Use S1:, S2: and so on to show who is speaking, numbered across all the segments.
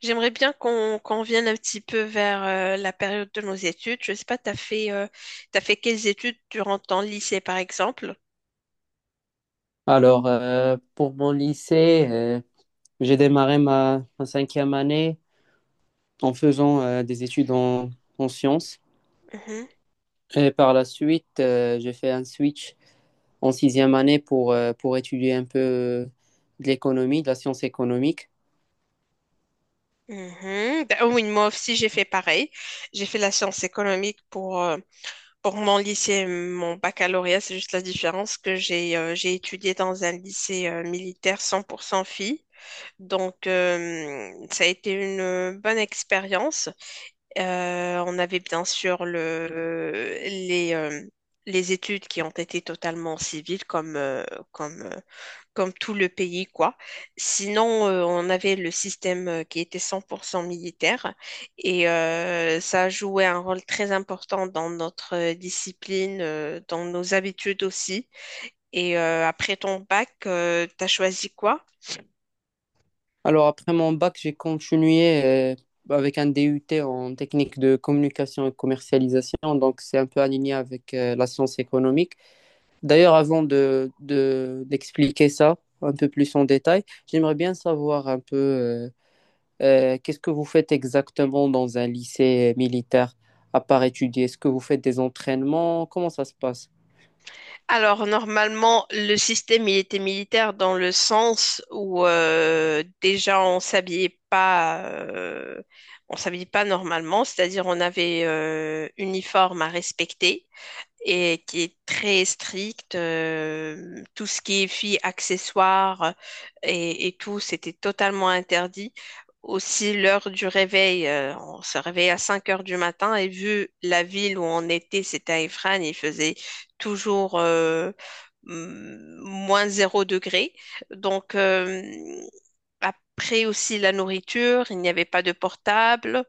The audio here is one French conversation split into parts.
S1: J'aimerais bien qu'on vienne un petit peu vers la période de nos études. Je sais pas, t'as fait quelles études durant ton lycée, par exemple?
S2: Alors, pour mon lycée, j'ai démarré ma cinquième année en faisant des études en sciences.
S1: Mhm,
S2: Et par la suite, j'ai fait un switch en sixième année pour étudier un peu de l'économie, de la science économique.
S1: mhm. Ben, oui, moi aussi j'ai fait pareil. J'ai fait la science économique pour mon lycée, et mon baccalauréat. C'est juste la différence que j'ai étudié dans un lycée militaire 100% filles. Donc ça a été une bonne expérience. On avait bien sûr les études qui ont été totalement civiles, comme, euh, comme tout le pays, quoi. Sinon, on avait le système qui était 100% militaire et ça jouait un rôle très important dans notre discipline, dans nos habitudes aussi. Et après ton bac, tu as choisi quoi?
S2: Alors, après mon bac, j'ai continué euh, avec un DUT en technique de communication et commercialisation. Donc, c'est un peu aligné avec la science économique. D'ailleurs, d'expliquer ça un peu plus en détail, j'aimerais bien savoir un peu qu'est-ce que vous faites exactement dans un lycée militaire à part étudier. Est-ce que vous faites des entraînements? Comment ça se passe?
S1: Alors, normalement, le système, il était militaire dans le sens où déjà, on s'habillait pas normalement, c'est-à-dire on avait uniforme à respecter et qui est très stricte. Tout ce qui est filles, accessoires et tout, c'était totalement interdit. Aussi, l'heure du réveil, on se réveillait à 5 heures du matin et vu la ville où on était, c'était à Ifrane, il faisait toujours moins zéro degré. Donc, après aussi la nourriture, il n'y avait pas de portable,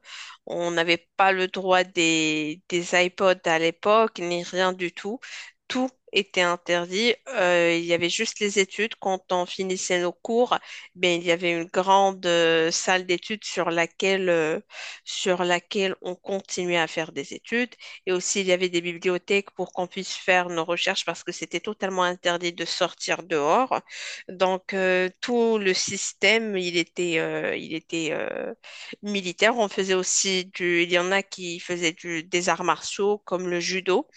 S1: on n'avait pas le droit des iPods à l'époque, ni rien du tout. Tout était interdit. Il y avait juste les études. Quand on finissait nos cours, ben, il y avait une grande salle d'études sur laquelle on continuait à faire des études. Et aussi, il y avait des bibliothèques pour qu'on puisse faire nos recherches parce que c'était totalement interdit de sortir dehors. Donc, tout le système, il était militaire. On faisait aussi. Il y en a qui faisaient des arts martiaux, comme le judo.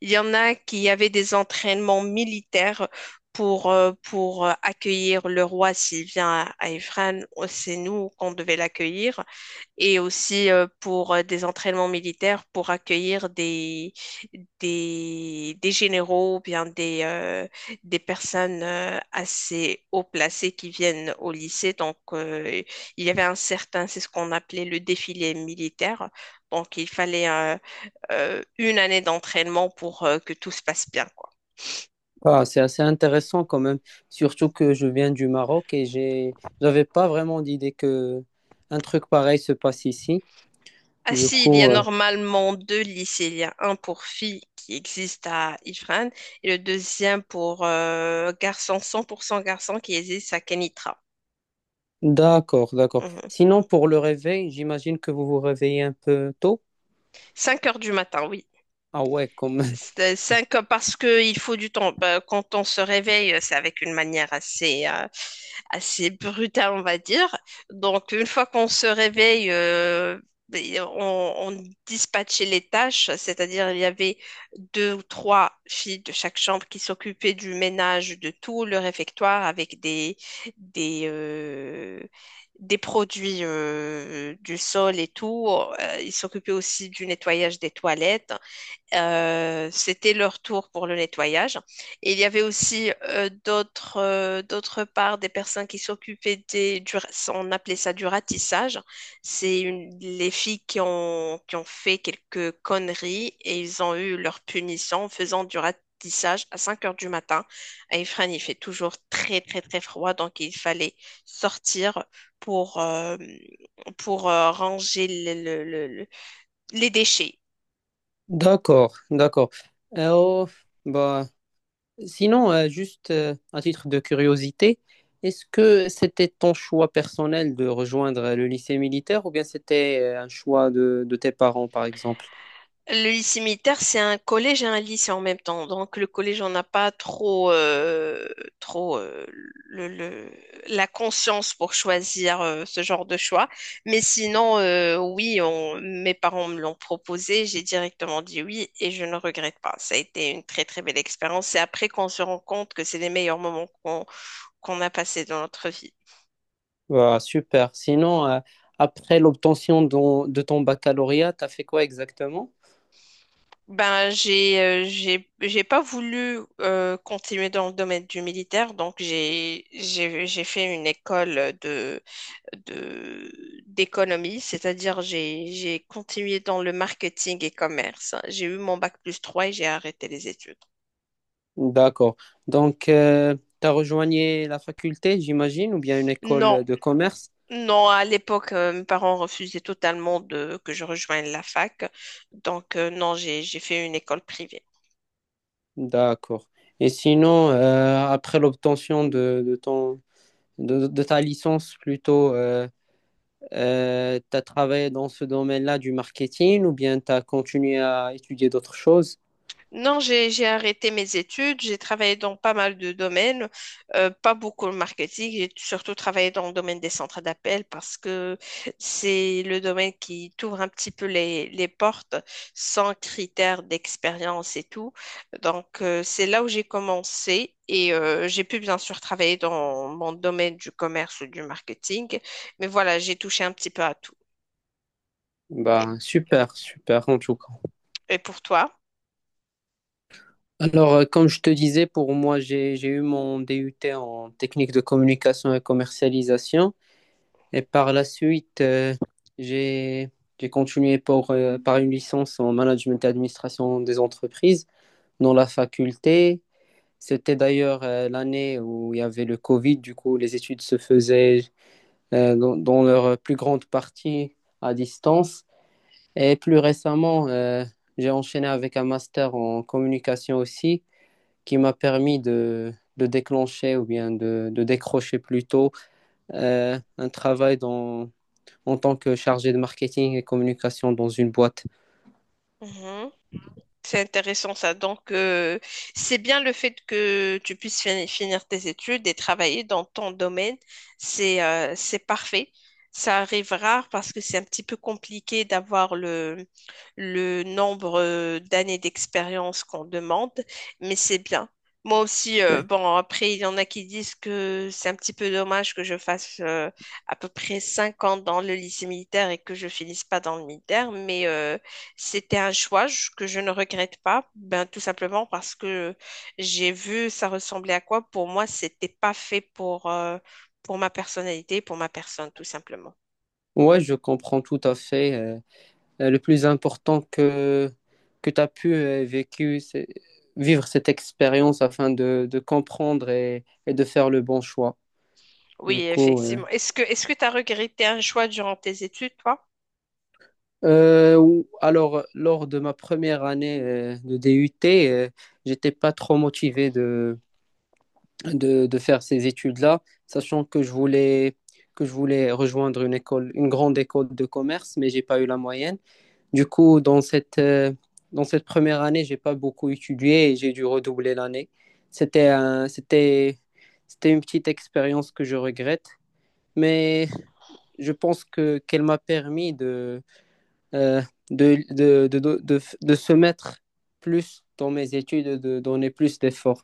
S1: Il y en a qui avaient des entraînements militaires pour accueillir le roi s'il vient à Ifrane. Oh, c'est nous qu'on devait l'accueillir et aussi pour des entraînements militaires pour accueillir des généraux ou bien des personnes assez haut placées qui viennent au lycée. Donc, il y avait un certain, c'est ce qu'on appelait le défilé militaire. Donc, il fallait une année d'entraînement pour que tout se passe bien.
S2: Ah, c'est assez intéressant quand même, surtout que je viens du Maroc et j'avais pas vraiment d'idée que un truc pareil se passe ici.
S1: Ah
S2: Du
S1: si, il y a
S2: coup,
S1: normalement deux lycées. Il y a un pour filles qui existe à Ifrane et le deuxième pour garçons, 100% garçons qui existe à Kenitra.
S2: d'accord, d'accord.
S1: Mhm.
S2: Sinon, pour le réveil, j'imagine que vous vous réveillez un peu tôt.
S1: 5 heures du matin, oui.
S2: Ah ouais, comme.
S1: C'est cinq parce qu'il faut du temps. Bah, quand on se réveille, c'est avec une manière assez brutale, on va dire. Donc, une fois qu'on se réveille, et on dispatchait les tâches, c'est-à-dire il y avait deux ou trois filles de chaque chambre qui s'occupaient du ménage de tout le réfectoire avec des, euh, des produits du sol et tout. Ils s'occupaient aussi du nettoyage des toilettes. C'était leur tour pour le nettoyage. Et il y avait aussi d'autre part des personnes qui s'occupaient on appelait ça du ratissage. C'est les filles qui ont fait quelques conneries et ils ont eu leur punition en faisant du ratissage à 5 heures du matin. À Ifrane, il fait toujours très, très, très froid, donc il fallait sortir pour, euh, pour ranger les déchets.
S2: D'accord, d'accord. Oh, bah, sinon, juste à titre de curiosité, est-ce que c'était ton choix personnel de rejoindre le lycée militaire ou bien c'était un choix de tes parents, par exemple?
S1: Le lycée militaire, c'est un collège et un lycée en même temps. Donc, le collège, on n'a pas trop le, le- la conscience pour choisir ce genre de choix. Mais sinon, oui, mes parents me l'ont proposé. J'ai directement dit oui et je ne regrette pas. Ça a été une très, très belle expérience. C'est après qu'on se rend compte que c'est les meilleurs moments qu'on a passés dans notre vie.
S2: Bah, super. Sinon, après l'obtention de ton baccalauréat, t'as fait quoi exactement?
S1: Ben, j'ai pas voulu continuer dans le domaine du militaire, donc j'ai fait une école de de d'économie, c'est-à-dire j'ai continué dans le marketing et commerce. J'ai eu mon bac+3 et j'ai arrêté les études.
S2: D'accord. Donc, t'as rejoigné la faculté, j'imagine, ou bien une
S1: Non,
S2: école de commerce?
S1: non, à l'époque, mes parents refusaient totalement de que je rejoigne la fac, donc non, j'ai fait une école privée.
S2: D'accord. Et sinon, après l'obtention de ta licence plutôt, tu as travaillé dans ce domaine-là du marketing ou bien tu as continué à étudier d'autres choses?
S1: Non, j'ai arrêté mes études, j'ai travaillé dans pas mal de domaines, pas beaucoup le marketing, j'ai surtout travaillé dans le domaine des centres d'appel parce que c'est le domaine qui t'ouvre un petit peu les portes sans critères d'expérience et tout. Donc, c'est là où j'ai commencé et j'ai pu bien sûr travailler dans mon domaine du commerce ou du marketing, mais voilà, j'ai touché un petit peu à tout. Et,
S2: Bah, super, super en tout cas.
S1: et pour toi?
S2: Alors, comme je te disais, pour moi, j'ai eu mon DUT en technique de communication et commercialisation. Et par la suite, j'ai, j'ai continué pour, par une licence en management et administration des entreprises dans la faculté. C'était d'ailleurs l'année où il y avait le Covid, du coup les études se faisaient dans leur plus grande partie à distance. Et plus récemment, j'ai enchaîné avec un master en communication aussi, qui m'a permis de déclencher ou bien de décrocher plutôt un travail en tant que chargé de marketing et communication dans une boîte.
S1: Mhm. C'est intéressant ça. Donc, c'est bien le fait que tu puisses finir tes études et travailler dans ton domaine. C'est parfait. Ça arrive rare parce que c'est un petit peu compliqué d'avoir le nombre d'années d'expérience qu'on demande, mais c'est bien. Moi aussi,
S2: Ouais,
S1: bon, après, il y en a qui disent que c'est un petit peu dommage que je fasse à peu près 5 ans dans le lycée militaire et que je finisse pas dans le militaire, mais c'était un choix que je ne regrette pas, ben, tout simplement parce que j'ai vu ça ressemblait à quoi. Pour moi, c'était pas fait pour ma personnalité, pour ma personne, tout simplement.
S2: Ouais, je comprends tout à fait. Le plus important que tu as pu vécu, vivre cette expérience afin de comprendre et de faire le bon choix. Du
S1: Oui,
S2: coup,
S1: effectivement. Est-ce que tu as regretté un choix durant tes études, toi?
S2: alors, lors de ma première année de DUT, j'étais pas trop motivé de faire ces études-là, sachant que que je voulais rejoindre une école, une grande école de commerce, mais j'ai pas eu la moyenne. Du coup, dans cette première année, j'ai pas beaucoup étudié et j'ai dû redoubler l'année. C'était un- c'était, c'était une petite expérience que je regrette, mais je pense que qu'elle m'a permis euh, de se mettre plus dans mes études, de donner plus d'efforts.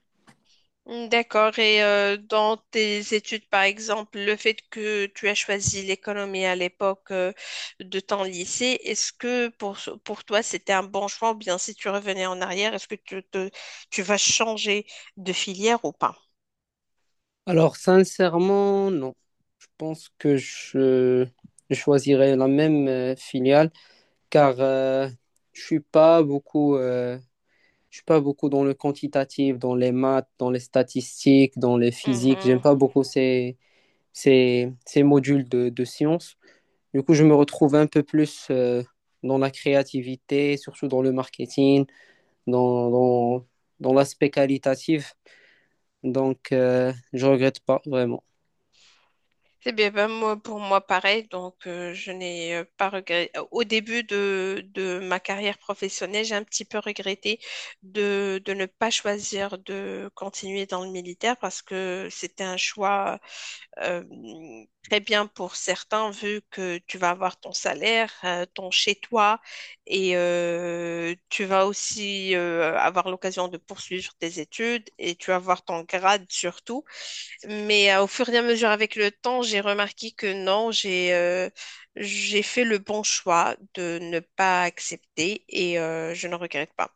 S1: Mm, d'accord. Et dans tes études, par exemple, le fait que tu as choisi l'économie à l'époque de ton lycée, est-ce que pour toi c'était un bon choix ou bien si tu revenais en arrière, est-ce que tu vas changer de filière ou pas?
S2: Alors, sincèrement, non. Je pense que je choisirais la même filiale car je suis pas beaucoup. Je suis pas beaucoup dans le quantitatif, dans les maths, dans les statistiques, dans les physiques. J'aime
S1: Mhm.
S2: pas beaucoup ces modules de sciences. Du coup, je me retrouve un peu plus dans la créativité, surtout dans le marketing, dans, dans, dans l'aspect qualitatif. Donc, je regrette pas vraiment.
S1: C'est bien, ben, moi, pour moi, pareil. Donc, je n'ai pas regretté. Au début de ma carrière professionnelle, j'ai un petit peu regretté de ne pas choisir de continuer dans le militaire parce que c'était un choix euh, très bien pour certains, vu que tu vas avoir ton salaire, ton chez-toi, et tu vas aussi avoir l'occasion de poursuivre tes études et tu vas avoir ton grade surtout. Mais au fur et à mesure avec le temps, j'ai remarqué que non, j'ai fait le bon choix de ne pas accepter et je ne regrette pas.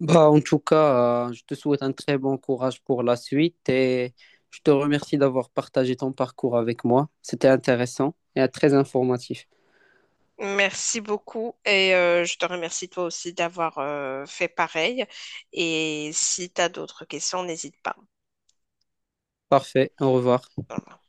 S2: Bah, en tout cas, je te souhaite un très bon courage pour la suite et je te remercie d'avoir partagé ton parcours avec moi. C'était intéressant et très informatif.
S1: Merci beaucoup et je te remercie toi aussi d'avoir fait pareil. Et si tu as d'autres questions, n'hésite pas.
S2: Parfait, au revoir.
S1: Voilà.